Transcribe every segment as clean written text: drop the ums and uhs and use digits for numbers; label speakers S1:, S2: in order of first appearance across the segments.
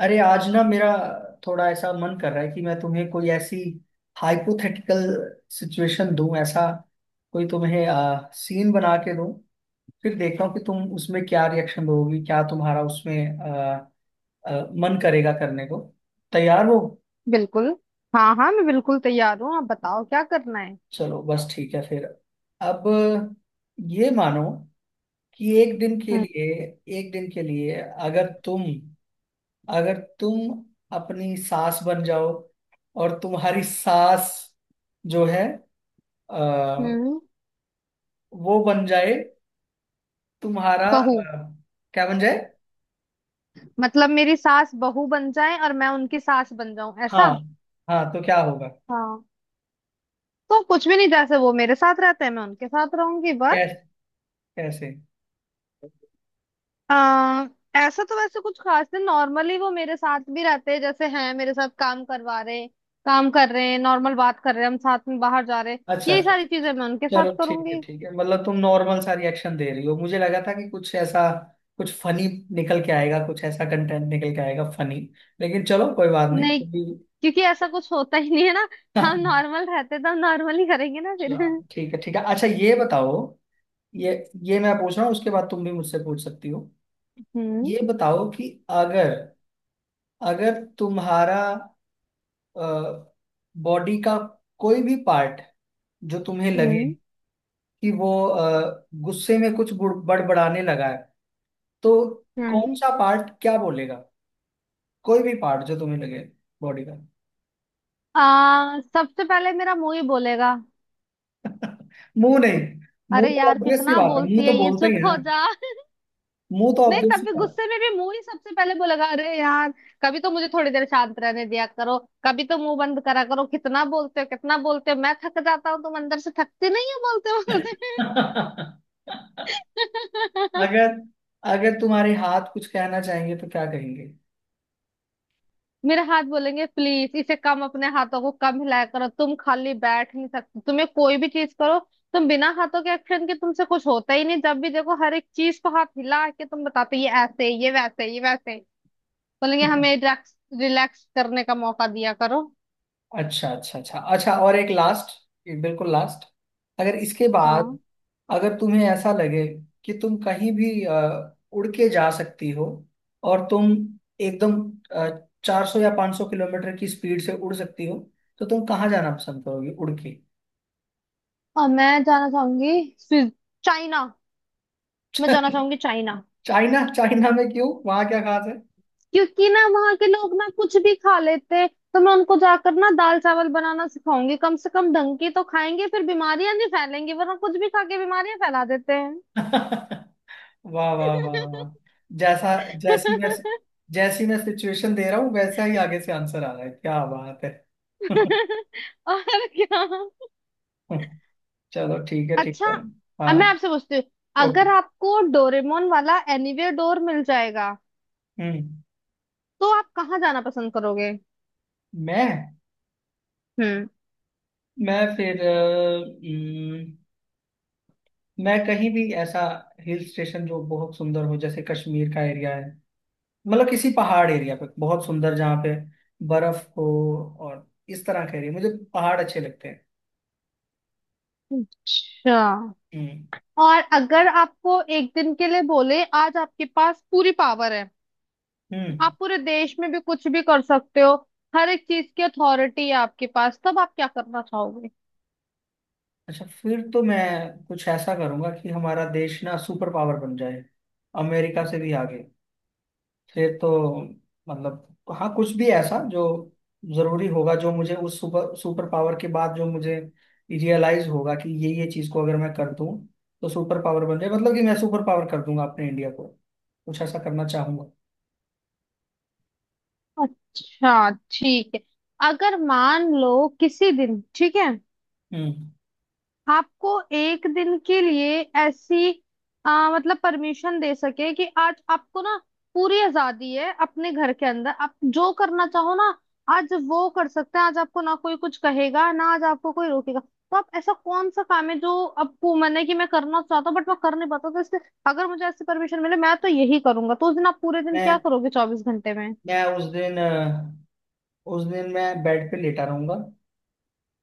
S1: अरे, आज ना मेरा थोड़ा ऐसा मन कर रहा है कि मैं तुम्हें कोई ऐसी हाइपोथेटिकल सिचुएशन दूं। ऐसा कोई तुम्हें सीन बना के दूं, फिर देखता हूँ कि तुम उसमें क्या रिएक्शन दोगी, क्या तुम्हारा उसमें आ, आ, मन करेगा करने को। तैयार हो?
S2: बिल्कुल। हाँ हाँ, मैं बिल्कुल तैयार हूँ। आप बताओ क्या करना है।
S1: चलो, बस ठीक है फिर। अब ये मानो कि एक दिन के
S2: हम्म।
S1: लिए एक दिन के लिए अगर तुम अपनी सास बन जाओ, और तुम्हारी सास जो है आ,
S2: हम्म।
S1: वो बन जाए, तुम्हारा
S2: बहू।
S1: क्या बन जाए?
S2: मतलब मेरी सास बहू बन जाए और मैं उनकी सास बन जाऊं,
S1: हाँ।
S2: ऐसा।
S1: हाँ तो क्या होगा?
S2: हाँ। तो कुछ भी नहीं, जैसे वो मेरे साथ रहते हैं मैं उनके साथ रहूंगी बस।
S1: कैसे, कैसे?
S2: आ, ऐसा तो वैसे कुछ खास नहीं। नॉर्मली वो मेरे साथ भी रहते हैं, जैसे हैं मेरे साथ काम करवा रहे, काम कर रहे हैं, नॉर्मल बात कर रहे हैं, हम साथ में बाहर जा रहे हैं।
S1: अच्छा,
S2: यही
S1: अच्छा, अच्छा।
S2: सारी चीजें मैं उनके साथ
S1: चलो, ठीक है,
S2: करूंगी।
S1: ठीक है। मतलब तुम नॉर्मल सा रिएक्शन दे रही हो, मुझे लगा था कि कुछ ऐसा, कुछ फनी निकल के आएगा, कुछ ऐसा कंटेंट निकल के आएगा फनी। लेकिन चलो, कोई बात नहीं।
S2: नहीं, क्योंकि ऐसा कुछ होता ही नहीं है ना। हम नॉर्मल रहते तो हम नॉर्मल ही करेंगे ना फिर।
S1: चलो, ठीक है, ठीक है, अच्छा ये बताओ। ये ये मैं पूछ रहा हूँ, उसके बाद तुम भी मुझसे पूछ सकती हो।
S2: हम्म।
S1: ये बताओ कि अगर अगर तुम्हारा बॉडी का कोई भी पार्ट जो तुम्हें लगे
S2: हम्म।
S1: कि वो गुस्से में कुछ बड़बड़ाने लगा है, तो कौन
S2: हम्म।
S1: सा पार्ट क्या बोलेगा? कोई भी पार्ट जो तुम्हें लगे, बॉडी का।
S2: आ सबसे पहले मेरा मुंह ही बोलेगा।
S1: मुंह नहीं। मुंह
S2: अरे
S1: तो
S2: यार
S1: ऑब्वियस सी
S2: कितना
S1: बात है, मुंह
S2: बोलती
S1: तो
S2: है ये,
S1: बोलते ही है
S2: चुप हो
S1: ना।
S2: जा।
S1: मुंह तो
S2: नहीं,
S1: ऑब्वियस
S2: तब
S1: सी
S2: भी
S1: बात
S2: गुस्से में भी मुंह ही सबसे पहले बोलेगा। अरे यार, कभी तो मुझे थोड़ी देर शांत रहने दिया करो। कभी तो मुंह बंद करा करो। कितना बोलते हो कितना बोलते हो, मैं थक जाता हूँ। तुम अंदर से थकते नहीं हो बोलते
S1: है।
S2: बोलते।
S1: अगर अगर तुम्हारे हाथ कुछ कहना चाहेंगे तो क्या कहेंगे?
S2: मेरे हाथ बोलेंगे, प्लीज इसे कम, अपने हाथों को कम हिलाया करो। तुम खाली बैठ नहीं सकते, तुम्हें कोई भी चीज करो, तुम बिना हाथों के एक्शन के तुमसे कुछ होता ही नहीं। जब भी देखो हर एक चीज को हाथ हिला के तुम बताते, ये ऐसे, ये वैसे, ये वैसे। बोलेंगे हमें रिलैक्स, रिलैक्स करने का मौका दिया करो।
S1: अच्छा, अच्छा, अच्छा, अच्छा, और एक लास्ट, बिल्कुल लास्ट। अगर इसके बाद
S2: हाँ।
S1: अगर तुम्हें ऐसा लगे कि तुम कहीं भी उड़ के जा सकती हो, और तुम एकदम 400 या 500 किलोमीटर की स्पीड से उड़ सकती हो, तो तुम कहाँ जाना पसंद करोगी उड़ के?
S2: और मैं जाना चाहूंगी चाइना। मैं जाना चाहूंगी चाइना।
S1: चाइना? चाइना में क्यों, वहां क्या खास है?
S2: क्योंकि ना वहां के लोग ना कुछ भी खा लेते हैं। तो मैं उनको जाकर ना दाल चावल बनाना सिखाऊंगी, कम से कम ढंग की तो खाएंगे, फिर बीमारियां नहीं फैलेंगी, वरना कुछ भी खा के बीमारियां फैला देते हैं।
S1: वाह, वाह, वाह, वाह। जैसा, जैसी मैं जैसी मैं सिचुएशन दे रहा हूँ, वैसा ही आगे से आंसर आ रहा है। क्या बात है!
S2: और क्या।
S1: चलो, ठीक है, ठीक
S2: अच्छा,
S1: है।
S2: अब
S1: हाँ।
S2: मैं आपसे पूछती हूँ,
S1: ओके।
S2: अगर आपको डोरेमोन वाला एनीवेयर डोर मिल जाएगा
S1: हम्म।
S2: तो आप कहाँ जाना पसंद करोगे।
S1: मैं
S2: हम्म।
S1: मैं फिर हम्म, मैं कहीं भी ऐसा हिल स्टेशन जो बहुत सुंदर हो, जैसे कश्मीर का एरिया है। मतलब किसी पहाड़ एरिया पे, बहुत सुंदर, जहाँ पे बर्फ हो, और इस तरह का एरिया। मुझे पहाड़ अच्छे लगते हैं।
S2: अच्छा।
S1: हम्म।
S2: और अगर आपको एक दिन के लिए बोले आज आपके पास पूरी पावर है,
S1: हम्म।
S2: आप पूरे देश में भी कुछ भी कर सकते हो, हर एक चीज की अथॉरिटी है आपके पास, तब आप क्या करना चाहोगे।
S1: अच्छा, फिर तो मैं कुछ ऐसा करूंगा कि हमारा देश ना सुपर पावर बन जाए, अमेरिका से भी आगे। फिर तो मतलब, हाँ, कुछ भी ऐसा जो जरूरी होगा, जो मुझे उस सुपर सुपर पावर के बाद जो मुझे रियलाइज होगा कि ये चीज को अगर मैं कर दूं तो सुपर पावर बन जाए। मतलब कि मैं सुपर पावर कर दूंगा अपने इंडिया को। कुछ ऐसा करना चाहूंगा।
S2: अच्छा। ठीक है। अगर मान लो किसी दिन, ठीक है,
S1: हम्म।
S2: आपको एक दिन के लिए ऐसी मतलब परमिशन दे सके कि आज आपको ना पूरी आजादी है, अपने घर के अंदर आप जो करना चाहो ना, आज वो कर सकते हैं। आज आपको ना कोई कुछ कहेगा, ना आज आपको कोई रोकेगा। तो आप ऐसा कौन सा काम है जो आपको मन है कि मैं करना चाहता हूँ बट मैं कर नहीं पाता तो इसलिए अगर मुझे ऐसी परमिशन मिले मैं तो यही करूंगा, तो उस दिन आप पूरे दिन क्या
S1: मैं
S2: करोगे 24 घंटे में?
S1: मैं उस दिन उस दिन मैं बेड पे लेटा रहूंगा।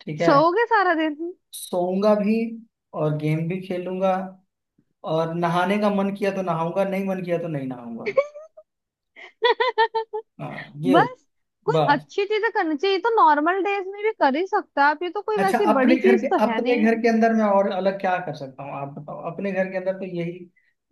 S1: ठीक है,
S2: सोओगे सारा दिन?
S1: सोऊंगा भी, और गेम भी खेलूंगा, और नहाने का मन किया तो नहाऊंगा, नहीं मन किया तो नहीं नहाऊंगा। हाँ, ये हो
S2: बस। कोई
S1: बस।
S2: अच्छी चीजें करनी चाहिए। ये तो नॉर्मल डेज में भी कर ही सकते हो आप। ये तो कोई
S1: अच्छा,
S2: वैसी बड़ी चीज तो है
S1: अपने
S2: नहीं।
S1: घर के अंदर मैं और अलग क्या कर सकता हूँ, आप बताओ। अपने घर के अंदर तो यही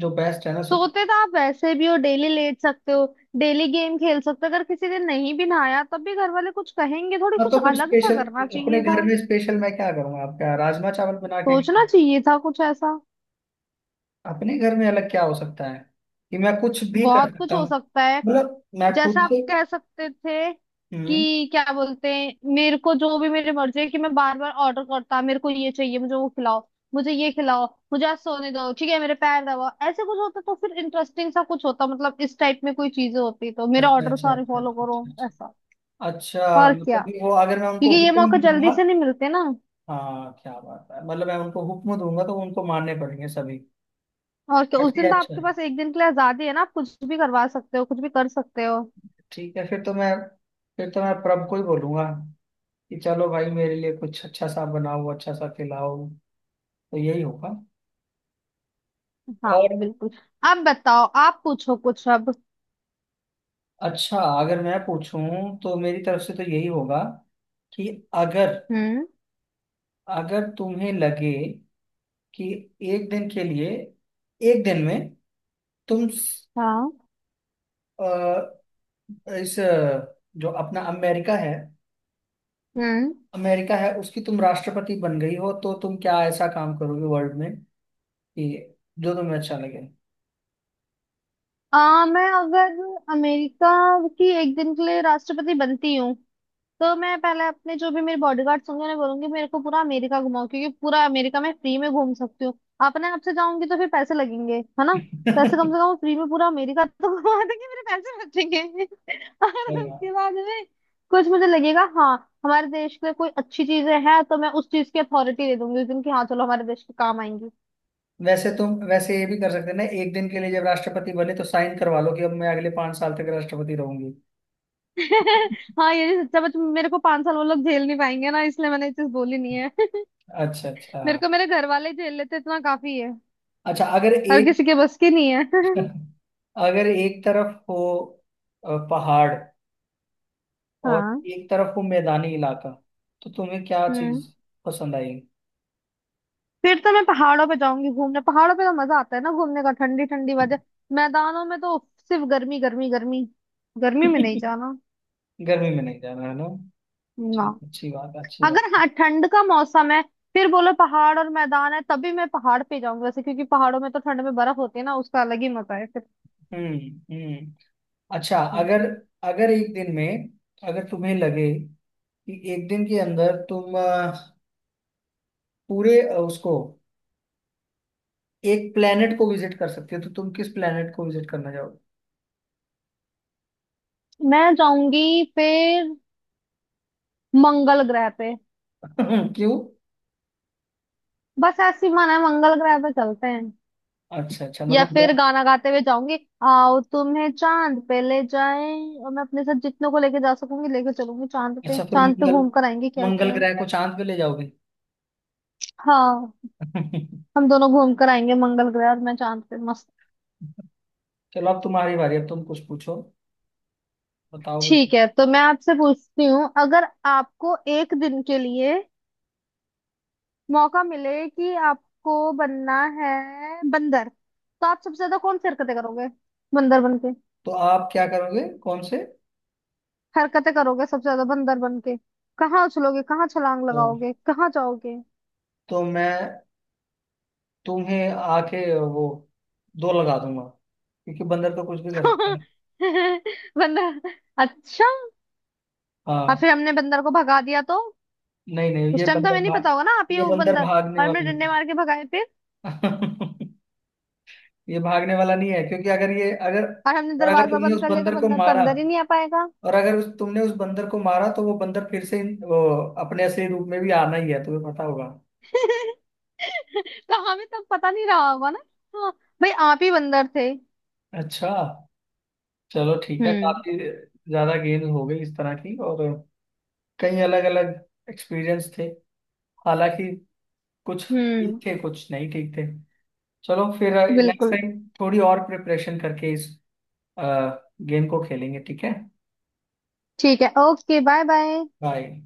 S1: जो बेस्ट है ना, सो।
S2: सोते तो आप वैसे भी हो डेली, लेट सकते हो, डेली गेम खेल सकते हो। अगर किसी दिन नहीं भी नहाया तब भी घर वाले कुछ कहेंगे थोड़ी,
S1: हाँ तो
S2: कुछ
S1: फिर
S2: अलग सा
S1: स्पेशल,
S2: करना
S1: अपने
S2: चाहिए था।
S1: घर में स्पेशल मैं क्या करूँगा? आपका राजमा चावल बना के?
S2: सोचना चाहिए था कुछ ऐसा।
S1: अपने घर में अलग क्या हो सकता है कि मैं कुछ भी कर
S2: बहुत कुछ
S1: सकता
S2: हो
S1: हूँ?
S2: सकता है।
S1: मतलब मैं खुद
S2: जैसा, आप
S1: से।
S2: कह सकते थे
S1: हम्म।
S2: कि क्या बोलते हैं मेरे को, जो भी मेरी मर्जी है कि मैं बार बार ऑर्डर करता, मेरे को ये चाहिए, मुझे वो खिलाओ, मुझे ये खिलाओ, मुझे आज सोने दो, ठीक है मेरे पैर दबाओ। ऐसे कुछ होता तो फिर इंटरेस्टिंग सा कुछ होता। मतलब इस टाइप में कोई चीजें होती तो मेरे
S1: अच्छा,
S2: ऑर्डर
S1: अच्छा,
S2: सारे
S1: अच्छा,
S2: फॉलो करो,
S1: अच्छा,
S2: ऐसा।
S1: अच्छा, अच्छा
S2: और क्या।
S1: मतलब कि वो। अगर मैं उनको
S2: क्योंकि ये
S1: हुक्म
S2: मौके
S1: भी
S2: जल्दी
S1: दूंगा?
S2: से नहीं मिलते ना।
S1: हाँ, क्या बात है। मतलब मैं उनको हुक्म दूंगा तो उनको मानने पड़ेंगे सभी।
S2: और क्या, उस
S1: अच्छा,
S2: दिन तो
S1: अच्छा,
S2: आपके पास एक दिन के लिए आजादी है ना, आप कुछ भी करवा सकते हो, कुछ भी कर सकते हो।
S1: ठीक है। फिर तो मैं प्रभ को ही बोलूंगा कि चलो भाई, मेरे लिए कुछ अच्छा सा बनाओ, अच्छा सा खिलाओ। तो यही होगा। और
S2: हाँ बिल्कुल। अब बताओ, आप पूछो कुछ अब।
S1: अच्छा, अगर मैं पूछूं तो मेरी तरफ से तो यही होगा कि अगर,
S2: हम्म।
S1: अगर तुम्हें लगे कि एक दिन के लिए, एक दिन में तुम
S2: हाँ।
S1: अ, इस जो अपना अमेरिका है,
S2: हम्म।
S1: अमेरिका है, उसकी तुम राष्ट्रपति बन गई हो, तो तुम क्या ऐसा काम करोगे वर्ल्ड में कि जो तुम्हें अच्छा लगे?
S2: मैं अगर अमेरिका की एक दिन के लिए राष्ट्रपति बनती हूँ तो मैं पहले अपने जो भी मेरे बॉडीगार्ड्स होंगे उन्हें बोलूंगी मेरे को पूरा अमेरिका घुमाओ, क्योंकि पूरा अमेरिका मैं फ्री में घूम सकती हूँ। अपने आप से जाऊंगी तो फिर पैसे लगेंगे है ना, तो ऐसे
S1: अरे,
S2: कम से कम फ्री में पूरा अमेरिका तो घुमा देंगे, मेरे पैसे बचेंगे। और
S1: वाह।
S2: उसके बाद में कुछ मुझे लगेगा हाँ हमारे देश के लिए कोई अच्छी चीजें हैं तो मैं उस चीज की अथॉरिटी दे दूंगी उस दिन की, हाँ चलो हमारे देश के काम आएंगी।
S1: वैसे तुम वैसे ये भी कर सकते हैं ना, एक दिन के लिए जब राष्ट्रपति बने तो साइन करवा लो कि अब मैं अगले 5 साल तक राष्ट्रपति रहूंगी।
S2: हाँ ये भी सच्चा बच, मेरे को 5 साल वो लोग झेल नहीं पाएंगे ना, इसलिए मैंने ये चीज बोली नहीं है।
S1: अच्छा, अच्छा,
S2: मेरे को मेरे घर वाले झेल लेते इतना काफी है।
S1: अच्छा। अगर
S2: हर
S1: एक,
S2: किसी के बस की नहीं है।
S1: अगर एक तरफ हो पहाड़ और
S2: हाँ।
S1: एक तरफ हो मैदानी इलाका, तो तुम्हें क्या
S2: हम्म।
S1: चीज पसंद आएगी?
S2: फिर तो मैं पहाड़ों पे जाऊंगी घूमने, पहाड़ों पे तो मजा आता है ना घूमने का, ठंडी ठंडी वजह। मैदानों में तो सिर्फ गर्मी गर्मी गर्मी। गर्मी में नहीं जाना।
S1: गर्मी में नहीं जाना है ना।
S2: ना।
S1: चलो, अच्छी बात है, अच्छी बात
S2: अगर
S1: है।
S2: हाँ ठंड का मौसम है फिर बोलो पहाड़ और मैदान है तभी मैं पहाड़ पे जाऊंगी वैसे, क्योंकि पहाड़ों में तो ठंड में बर्फ होती है ना, उसका अलग ही मजा है फिर।
S1: हम्म। हम्म। अच्छा,
S2: हम्म।
S1: अगर, अगर एक दिन में, अगर तुम्हें लगे कि एक दिन के अंदर तुम पूरे उसको, एक प्लेनेट को विजिट कर सकते हो, तो तुम किस प्लेनेट को विजिट करना
S2: मैं जाऊंगी फिर मंगल ग्रह पे।
S1: चाहोगे? क्यों?
S2: बस ऐसी मन है मंगल ग्रह पे चलते हैं।
S1: अच्छा, अच्छा,
S2: या
S1: मतलब क्या।
S2: फिर गाना गाते हुए जाऊंगी, आओ तुम्हें चांद पे ले जाए, और मैं अपने साथ जितनों को लेके जा सकूंगी लेके चलूंगी चांद पे,
S1: अच्छा, फिर
S2: चांद पे
S1: मंगल
S2: घूम कर आएंगे क्या
S1: मंगल
S2: क्या।
S1: ग्रह को चांद पे ले जाओगे?
S2: हाँ। हम दोनों घूम कर आएंगे, मंगल ग्रह और मैं चांद पे मस्त।
S1: चलो, अब तुम्हारी बारी, अब तुम कुछ पूछो। बताओ, बताओ।
S2: ठीक है, तो मैं आपसे पूछती हूँ, अगर आपको एक दिन के लिए मौका मिले कि आपको बनना है बंदर, तो आप सबसे ज्यादा कौन सी हरकतें करोगे बंदर बन के,
S1: तो आप क्या करोगे, कौन से?
S2: हरकतें करोगे सबसे ज्यादा बंदर बन के, कहाँ उछलोगे, कहाँ छलांग
S1: तो,
S2: लगाओगे, कहाँ जाओगे।
S1: तो मैं तुम्हें आके वो दो लगा दूंगा, क्योंकि बंदर तो कुछ भी कर सकता है।
S2: बंदर? अच्छा। और
S1: हाँ।
S2: फिर हमने बंदर को भगा दिया तो?
S1: नहीं, नहीं,
S2: उस
S1: ये
S2: टाइम तो हमें
S1: बंदर
S2: नहीं पता होगा ना आप
S1: भाग,
S2: ही
S1: ये
S2: हो वो
S1: बंदर
S2: बंदर।
S1: भागने
S2: और हमने
S1: वाला
S2: डंडे मार के भगाए फिर।
S1: नहीं है। ये भागने वाला नहीं है, क्योंकि अगर ये अगर
S2: और हमने
S1: और अगर
S2: दरवाजा
S1: तुमने
S2: बंद
S1: उस
S2: कर लिया तो
S1: बंदर को
S2: बंदर तो
S1: मारा,
S2: अंदर ही नहीं आ पाएगा।
S1: और अगर उस तुमने उस बंदर को मारा तो वो बंदर फिर से वो अपने असली रूप में भी आना ही है, तुम्हें पता होगा।
S2: तो हमें तब पता नहीं रहा होगा ना। हाँ, भाई आप ही बंदर थे।
S1: अच्छा, चलो ठीक है।
S2: हम्म।
S1: काफी ज्यादा गेम्स हो गई इस तरह की, और कई अलग अलग एक्सपीरियंस थे। हालांकि कुछ ठीक
S2: हम्म।
S1: थे, कुछ नहीं ठीक थे। चलो फिर, नेक्स्ट
S2: बिल्कुल।
S1: टाइम थोड़ी और प्रिपरेशन करके इस गेम को खेलेंगे, ठीक है।
S2: ठीक है ओके, बाय बाय।
S1: बाय।